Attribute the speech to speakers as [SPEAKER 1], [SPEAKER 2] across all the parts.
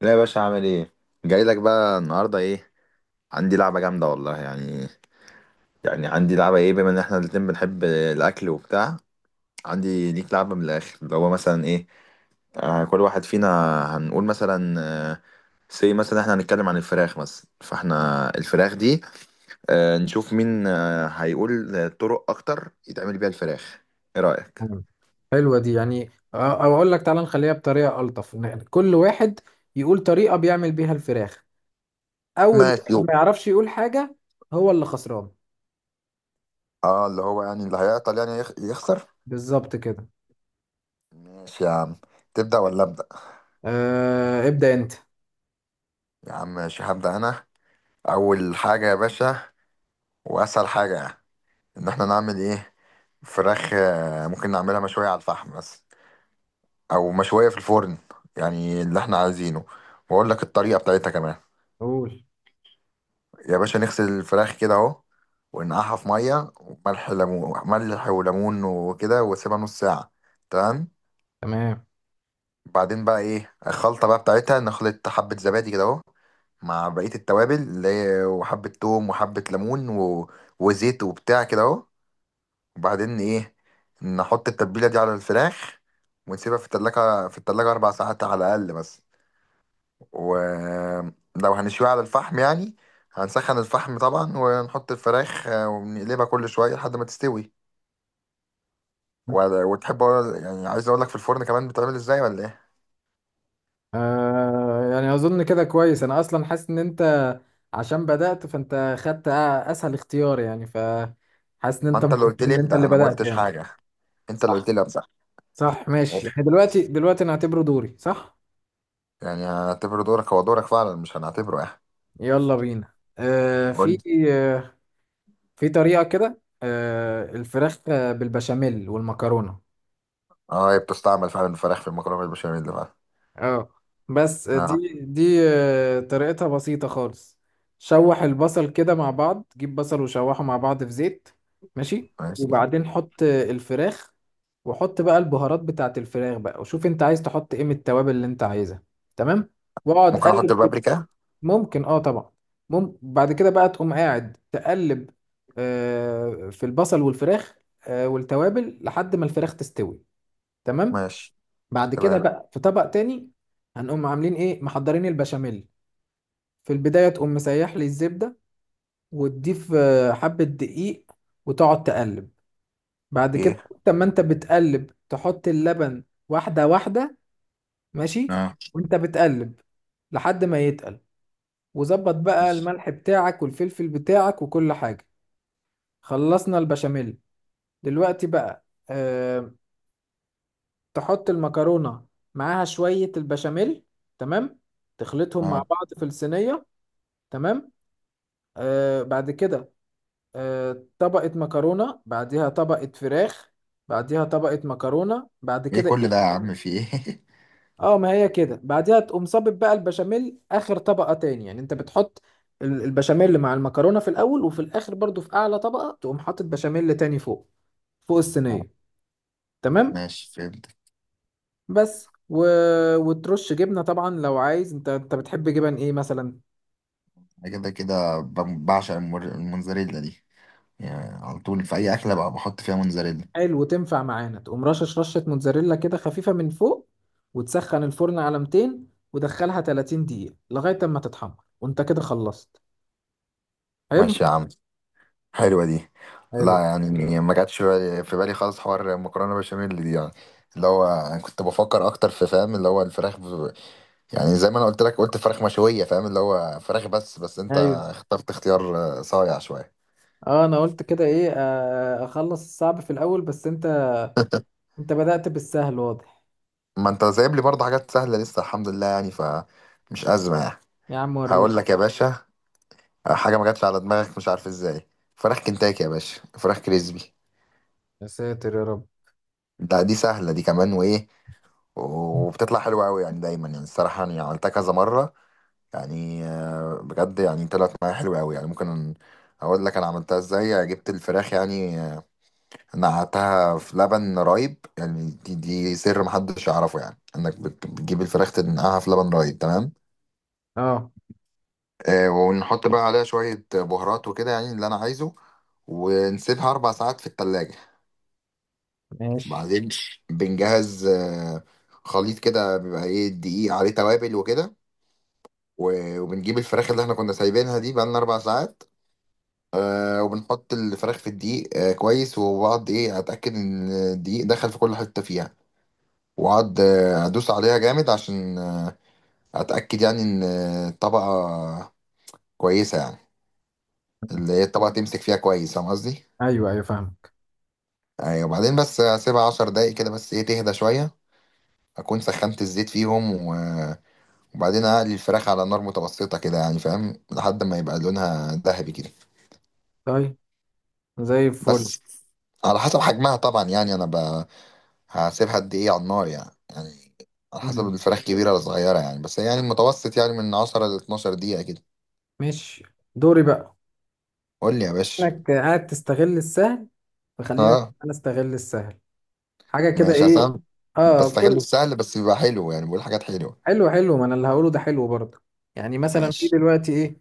[SPEAKER 1] لا يا باشا، عامل ايه؟ جاي لك بقى النهارده ايه. عندي لعبه جامده والله. يعني يعني عندي لعبه ايه، بما ان احنا الاتنين بنحب الاكل وبتاع. عندي ليك لعبه من الاخر، اللي هو مثلا ايه، آه، كل واحد فينا هنقول مثلا، آه، سي مثلا احنا هنتكلم عن الفراخ مثلا، فاحنا الفراخ دي نشوف مين هيقول طرق اكتر يتعمل بيها الفراخ. ايه رايك؟
[SPEAKER 2] مم. حلوة دي يعني او اقول لك تعالى نخليها بطريقة ألطف إن كل واحد يقول طريقة بيعمل بيها الفراخ. اول
[SPEAKER 1] ماشي.
[SPEAKER 2] واحد ما يعرفش يقول حاجة هو اللي خسران.
[SPEAKER 1] اه، اللي هو يعني اللي هيعطل يعني يخسر.
[SPEAKER 2] بالظبط كده.
[SPEAKER 1] ماشي يا عم. تبدأ ولا أبدأ؟
[SPEAKER 2] آه، ابدأ انت.
[SPEAKER 1] يا عم ماشي، هبدأ أنا. اول حاجه يا باشا، واسهل حاجه، ان احنا نعمل ايه؟ فراخ. ممكن نعملها مشويه على الفحم بس، او مشويه في الفرن. يعني اللي احنا عايزينه. واقول لك الطريقه بتاعتها كمان.
[SPEAKER 2] قول.
[SPEAKER 1] يا باشا، نغسل الفراخ كده اهو، ونقعها في ميه وملح ليمون، ملح وليمون وكده، واسيبها نص ساعه. تمام.
[SPEAKER 2] تمام.
[SPEAKER 1] بعدين بقى ايه الخلطه بقى بتاعتها، نخلط حبه زبادي كده اهو مع بقيه التوابل، اللي هي وحبه توم وحبه ليمون و... وزيت وبتاع كده اهو. وبعدين ايه، نحط التتبيله دي على الفراخ ونسيبها في التلاجة، أربع ساعات على الأقل. بس ولو هنشويها على الفحم يعني، هنسخن الفحم طبعا ونحط الفراخ ونقلبها كل شوية لحد ما تستوي. يعني عايز أقول لك في الفرن كمان بتعمل إزاي ولا إيه؟
[SPEAKER 2] آه يعني اظن كده كويس، انا اصلا حاسس ان انت عشان بدأت فانت خدت اسهل اختيار، يعني فحاسس ان
[SPEAKER 1] ما
[SPEAKER 2] انت
[SPEAKER 1] أنت اللي
[SPEAKER 2] مبسوط
[SPEAKER 1] قلت لي
[SPEAKER 2] ان انت اللي
[SPEAKER 1] ابدأ أنا، ما
[SPEAKER 2] بدأت
[SPEAKER 1] قلتش
[SPEAKER 2] يعني.
[SPEAKER 1] حاجة. أنت اللي قلت
[SPEAKER 2] صح.
[SPEAKER 1] لي أبدأ.
[SPEAKER 2] صح، ماشي
[SPEAKER 1] أوف.
[SPEAKER 2] يعني دلوقتي نعتبره دوري، صح؟
[SPEAKER 1] يعني هنعتبره دورك، هو دورك فعلا، مش هنعتبره إيه.
[SPEAKER 2] يلا بينا.
[SPEAKER 1] قول لي.
[SPEAKER 2] آه في طريقة كده آه الفراخ بالبشاميل والمكرونة.
[SPEAKER 1] أه، هي بتستعمل فعلا الفراخ في المكرونة بالبشاميل فعلا.
[SPEAKER 2] اه. بس
[SPEAKER 1] أه.
[SPEAKER 2] دي طريقتها بسيطة خالص. شوح البصل كده مع بعض، جيب بصل وشوحه مع بعض في زيت. ماشي.
[SPEAKER 1] ماشي.
[SPEAKER 2] وبعدين حط الفراخ، وحط بقى البهارات بتاعت الفراخ بقى، وشوف انت عايز تحط ايه من التوابل اللي انت عايزها. تمام. واقعد
[SPEAKER 1] ممكن احط
[SPEAKER 2] قلب.
[SPEAKER 1] البابريكا.
[SPEAKER 2] ممكن اه، طبعا. ممكن بعد كده بقى تقوم قاعد تقلب في البصل والفراخ والتوابل لحد ما الفراخ تستوي. تمام.
[SPEAKER 1] ماشي.
[SPEAKER 2] بعد كده
[SPEAKER 1] تمام.
[SPEAKER 2] بقى في طبق تاني هنقوم عاملين ايه، محضرين البشاميل. في البداية تقوم مسيح لي الزبدة وتضيف حبة دقيق وتقعد تقلب. بعد كده
[SPEAKER 1] ايه.
[SPEAKER 2] وقت ما انت بتقلب تحط اللبن واحدة واحدة. ماشي.
[SPEAKER 1] اه.
[SPEAKER 2] وانت بتقلب لحد ما يتقل، وظبط بقى
[SPEAKER 1] ماشي.
[SPEAKER 2] الملح بتاعك والفلفل بتاعك وكل حاجة. خلصنا البشاميل. دلوقتي بقى أه تحط المكرونة معاها شوية البشاميل. تمام. تخلطهم مع
[SPEAKER 1] اه.
[SPEAKER 2] بعض في الصينية. تمام. أه بعد كده أه طبقة مكرونة بعديها طبقة فراخ بعديها طبقة مكرونة، بعد
[SPEAKER 1] ايه
[SPEAKER 2] كده
[SPEAKER 1] كل ده يا
[SPEAKER 2] إيه؟
[SPEAKER 1] عم، في ايه؟
[SPEAKER 2] اه ما هي كده، بعديها تقوم صابب بقى البشاميل اخر طبقة تاني، يعني انت بتحط البشاميل مع المكرونة في الاول، وفي الاخر برضو في اعلى طبقة تقوم حاطط بشاميل تاني فوق
[SPEAKER 1] آه،
[SPEAKER 2] الصينية. تمام.
[SPEAKER 1] ماشي، فهمت.
[SPEAKER 2] بس و... وترش جبنة طبعا لو عايز. انت بتحب جبن ايه مثلا؟
[SPEAKER 1] انا كده كده بعشق الموزاريلا دي. يعني على طول في اي اكله بقى بحط فيها موزاريلا.
[SPEAKER 2] حلو، وتنفع معانا. تقوم رشش رشة موتزاريلا كده خفيفة من فوق، وتسخن الفرن على 200، ودخلها 30 دقيقة لغاية اما تتحمر، وانت كده خلصت. حلو.
[SPEAKER 1] ماشي يا عم، حلوة دي. لا
[SPEAKER 2] حلو.
[SPEAKER 1] يعني ما جاتش في بالي، خالص حوار مكرونة بشاميل دي يعني. اللي هو انا كنت بفكر اكتر في، فاهم، اللي هو الفراخ ب... يعني زي ما انا قلت لك، قلت فراخ مشوية، فاهم، اللي هو فراخ بس. انت
[SPEAKER 2] ايوه.
[SPEAKER 1] اخترت اختيار صايع شوية.
[SPEAKER 2] اه انا قلت كده ايه اخلص الصعب في الاول، بس انت انت بدأت بالسهل واضح.
[SPEAKER 1] ما انت سايب لي برضه حاجات سهلة لسه الحمد لله يعني، فمش أزمة يعني.
[SPEAKER 2] يا عم وريني.
[SPEAKER 1] هقول لك يا باشا، حاجة ما جاتش على دماغك مش عارف ازاي، فراخ كنتاكي يا باشا، فراخ كريسبي.
[SPEAKER 2] يا ساتر يا رب.
[SPEAKER 1] دي سهلة دي كمان، وايه، وبتطلع حلوة قوي يعني دايما يعني. الصراحة انا عملتها كذا مرة يعني، بجد يعني طلعت معايا حلوة قوي يعني. ممكن اقول لك انا عملتها ازاي. جبت الفراخ يعني، نقعتها في لبن رايب يعني. دي سر محدش يعرفه يعني، انك بتجيب الفراخ تنقعها في لبن رايب. تمام.
[SPEAKER 2] اه.
[SPEAKER 1] ونحط بقى عليها شوية بهارات وكده يعني اللي أنا عايزه، ونسيبها أربع ساعات في التلاجة.
[SPEAKER 2] ماشي.
[SPEAKER 1] بعدين بنجهز، خليط كده بيبقى إيه، دقيق عليه توابل وكده. وبنجيب الفراخ اللي إحنا كنا سايبينها دي بقالنا أربع ساعات، وبنحط الفراخ في الدقيق كويس، وبقعد إيه أتأكد إن الدقيق دخل في كل حتة فيها. وأقعد أدوس عليها جامد عشان أتأكد يعني إن الطبقة كويسة يعني، اللي هي الطبقة تمسك فيها كويس، فاهم قصدي؟
[SPEAKER 2] ايوه ايوه فاهمك.
[SPEAKER 1] ايوه. وبعدين بس اسيبها عشر دقايق كده بس، ايه، تهدى شويه. اكون سخنت الزيت فيهم وبعدين اقلي الفراخ على نار متوسطه كده يعني، فاهم، لحد ما يبقى لونها ذهبي كده.
[SPEAKER 2] طيب. زي الفل.
[SPEAKER 1] بس على حسب حجمها طبعا يعني. انا ب... هسيبها قد ايه على النار يعني، يعني على حسب
[SPEAKER 2] مم.
[SPEAKER 1] الفراخ كبيره ولا صغيره يعني. بس يعني المتوسط يعني من 10 ل 12 دقيقه كده.
[SPEAKER 2] ماشي. دوري بقى
[SPEAKER 1] قول لي يا باشا.
[SPEAKER 2] انك قاعد تستغل السهل، فخلينا
[SPEAKER 1] اه،
[SPEAKER 2] انا استغل السهل حاجه كده
[SPEAKER 1] ماشي،
[SPEAKER 2] ايه.
[SPEAKER 1] عشان
[SPEAKER 2] اه
[SPEAKER 1] بستغل
[SPEAKER 2] كل
[SPEAKER 1] السهل، بس بيبقى حلو يعني، بقول حاجات حلوه.
[SPEAKER 2] حلو. حلو، ما انا اللي هقوله ده حلو برضه. يعني مثلا في
[SPEAKER 1] ماشي.
[SPEAKER 2] دلوقتي ايه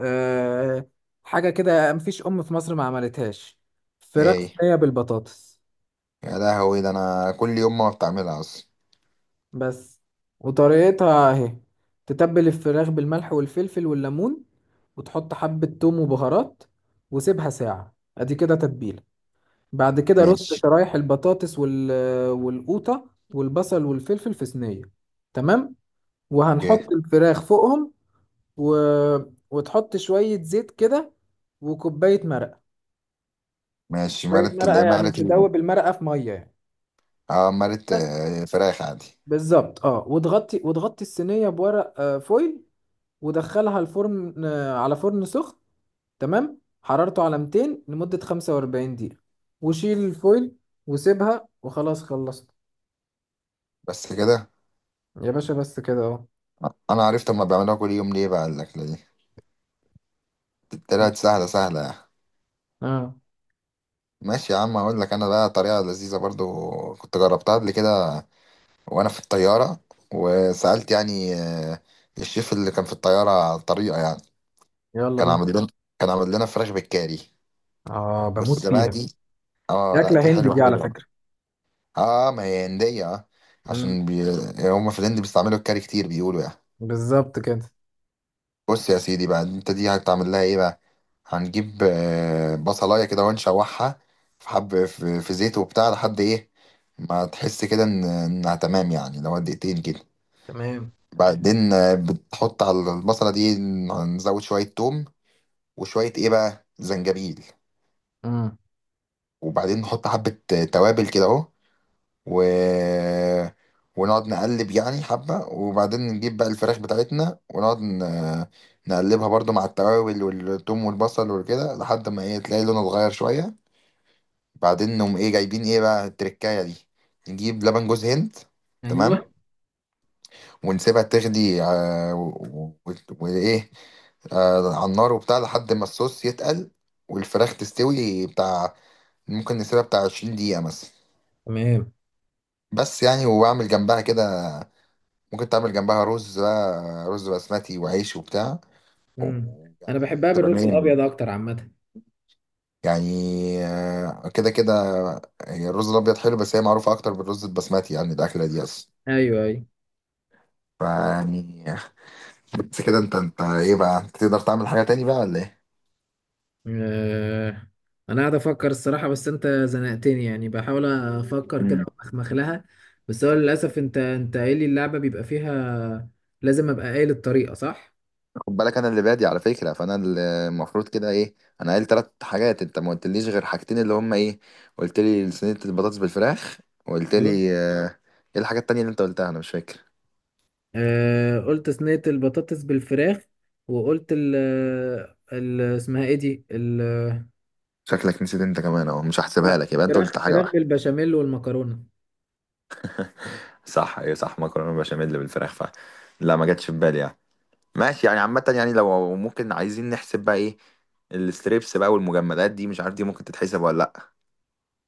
[SPEAKER 2] آه حاجه كده مفيش ام في مصر ما عملتهاش: فراخ
[SPEAKER 1] ايه؟
[SPEAKER 2] صينيه بالبطاطس.
[SPEAKER 1] يا لهوي، ده انا كل يوم ما بتعملها اصلا.
[SPEAKER 2] بس. وطريقتها اهي: تتبل الفراخ بالملح والفلفل والليمون، وتحط حبة توم وبهارات، وسيبها ساعة ادي كده تتبيلة. بعد كده رص
[SPEAKER 1] ماشي.
[SPEAKER 2] شرايح البطاطس وال... والقوطة والبصل والفلفل في صينية. تمام.
[SPEAKER 1] اوكي.
[SPEAKER 2] وهنحط الفراخ فوقهم و... وتحط شوية زيت كده، وكوباية مرقة.
[SPEAKER 1] ماشي،
[SPEAKER 2] كوباية
[SPEAKER 1] مرت، اللي
[SPEAKER 2] مرقة،
[SPEAKER 1] هي
[SPEAKER 2] يعني
[SPEAKER 1] مرت
[SPEAKER 2] تدوب المرقة في مية يعني.
[SPEAKER 1] اه، مرت،
[SPEAKER 2] بس.
[SPEAKER 1] فراخ عادي.
[SPEAKER 2] بالظبط اه، وتغطي الصينية بورق فويل، ودخلها الفرن على فرن سخن. تمام، حرارته على 200 لمدة 45 دقيقة، وشيل الفويل وسيبها وخلاص خلصت.
[SPEAKER 1] بس كده.
[SPEAKER 2] يا باشا بس كده اهو.
[SPEAKER 1] انا عرفت هما بيعملوها كل يوم ليه بقى، الاكله دي طلعت سهله سهله يعني.
[SPEAKER 2] اه.
[SPEAKER 1] ماشي يا عم. اقول لك انا بقى طريقه لذيذه برضو، كنت جربتها قبل كده وانا في الطياره، وسالت يعني الشيف اللي كان في الطياره على الطريقه يعني.
[SPEAKER 2] يلا
[SPEAKER 1] كان
[SPEAKER 2] بينا.
[SPEAKER 1] عامل لنا كان عامل لنا فراخ بالكاري.
[SPEAKER 2] اه بموت
[SPEAKER 1] بص بقى
[SPEAKER 2] فيها.
[SPEAKER 1] دي.
[SPEAKER 2] دي
[SPEAKER 1] اه لا،
[SPEAKER 2] أكلة
[SPEAKER 1] دي
[SPEAKER 2] هندي
[SPEAKER 1] حلوه
[SPEAKER 2] دي على
[SPEAKER 1] حلوه بقى.
[SPEAKER 2] فكرة.
[SPEAKER 1] اه ما هي هنديه،
[SPEAKER 2] امم.
[SPEAKER 1] عشان بي... هما في الهند بيستعملوا الكاري كتير بيقولوا يعني.
[SPEAKER 2] بالظبط كده.
[SPEAKER 1] بص يا سيدي بقى انت، دي هتعمل لها ايه بقى؟ هنجيب بصلايه كده ونشوحها في حب في زيت وبتاع لحد ايه ما تحس كده ان انها تمام يعني، لو دقيقتين كده.
[SPEAKER 2] تمام.
[SPEAKER 1] بعدين بتحط على البصله دي، نزود شويه توم وشويه ايه بقى، زنجبيل.
[SPEAKER 2] امم.
[SPEAKER 1] وبعدين نحط حبه توابل كده اهو و... ونقعد نقلب يعني حبة. وبعدين نجيب بقى الفراخ بتاعتنا ونقعد ن... نقلبها برضو مع التوابل والثوم والبصل وكده لحد ما ايه، تلاقي لونه اتغير شوية. بعدين نقوم ايه، جايبين ايه بقى، التركاية دي نجيب لبن جوز هند. تمام.
[SPEAKER 2] ايوه.
[SPEAKER 1] ونسيبها تغلي، وايه، على النار وبتاع لحد ما الصوص يتقل والفراخ تستوي بتاع. ممكن نسيبها بتاع 20 دقيقة مثلا.
[SPEAKER 2] تمام.
[SPEAKER 1] بس يعني. وبعمل جنبها كده، ممكن تعمل جنبها رز بقى، رز بسمتي وعيش وبتاع،
[SPEAKER 2] امم. انا
[SPEAKER 1] ويعني
[SPEAKER 2] بحبها
[SPEAKER 1] تبقى
[SPEAKER 2] بالرز
[SPEAKER 1] مين.
[SPEAKER 2] الابيض اكتر عامة.
[SPEAKER 1] يعني كده كده هي الرز الابيض حلو، بس هي معروفه اكتر بالرز البسمتي يعني الاكله دي اصلا،
[SPEAKER 2] ايوه ايوه.
[SPEAKER 1] فيعني. بس كده، انت ايه بقى، انت تقدر تعمل حاجه تاني بقى ولا ايه؟
[SPEAKER 2] آه، انا قاعد افكر الصراحه، بس انت زنقتني يعني، بحاول افكر كده
[SPEAKER 1] امم.
[SPEAKER 2] وأخمخ لها. بس هو للاسف انت قايل لي اللعبه بيبقى فيها لازم ابقى قايل الطريقه صح.
[SPEAKER 1] خد بالك انا اللي بادي على فكره، فانا اللي المفروض كده ايه، انا قايل ثلاث حاجات انت ما قلتليش غير حاجتين، اللي هم ايه، قلت لي صينيه البطاطس بالفراخ، وقلت
[SPEAKER 2] ايوه.
[SPEAKER 1] لي ايه الحاجه التانيه اللي انت قلتها، انا مش فاكر.
[SPEAKER 2] آه قلت صينيه البطاطس بالفراخ، وقلت ال ال اسمها ايه دي ال...
[SPEAKER 1] شكلك نسيت انت كمان اهو، مش هحسبها
[SPEAKER 2] لا،
[SPEAKER 1] لك، يبقى انت
[SPEAKER 2] فراخ
[SPEAKER 1] قلت حاجه
[SPEAKER 2] فراخ
[SPEAKER 1] واحده.
[SPEAKER 2] بالبشاميل والمكرونه.
[SPEAKER 1] صح. ايه صح، مكرونه بشاميل بالفراخ فعلا. لا، ما جاتش في بالي يعني. ماشي يعني، عامه يعني، لو ممكن عايزين نحسب بقى ايه، الستريبس بقى والمجمدات دي مش عارف دي ممكن تتحسب ولا لا.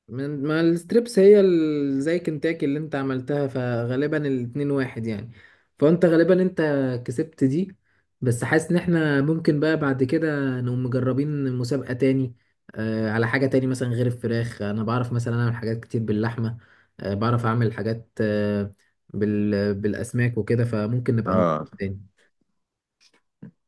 [SPEAKER 2] من ما الستريبس هي زي كنتاكي اللي انت عملتها، فغالبا الاتنين واحد يعني، فانت غالبا انت كسبت دي. بس حاسس ان احنا ممكن بقى بعد كده نقوم مجربين مسابقة تاني، آه، على حاجة تاني مثلا غير الفراخ. انا بعرف مثلا اعمل حاجات كتير باللحمة، آه بعرف اعمل حاجات آه بالاسماك وكده، فممكن نبقى نجرب
[SPEAKER 1] اه.
[SPEAKER 2] تاني.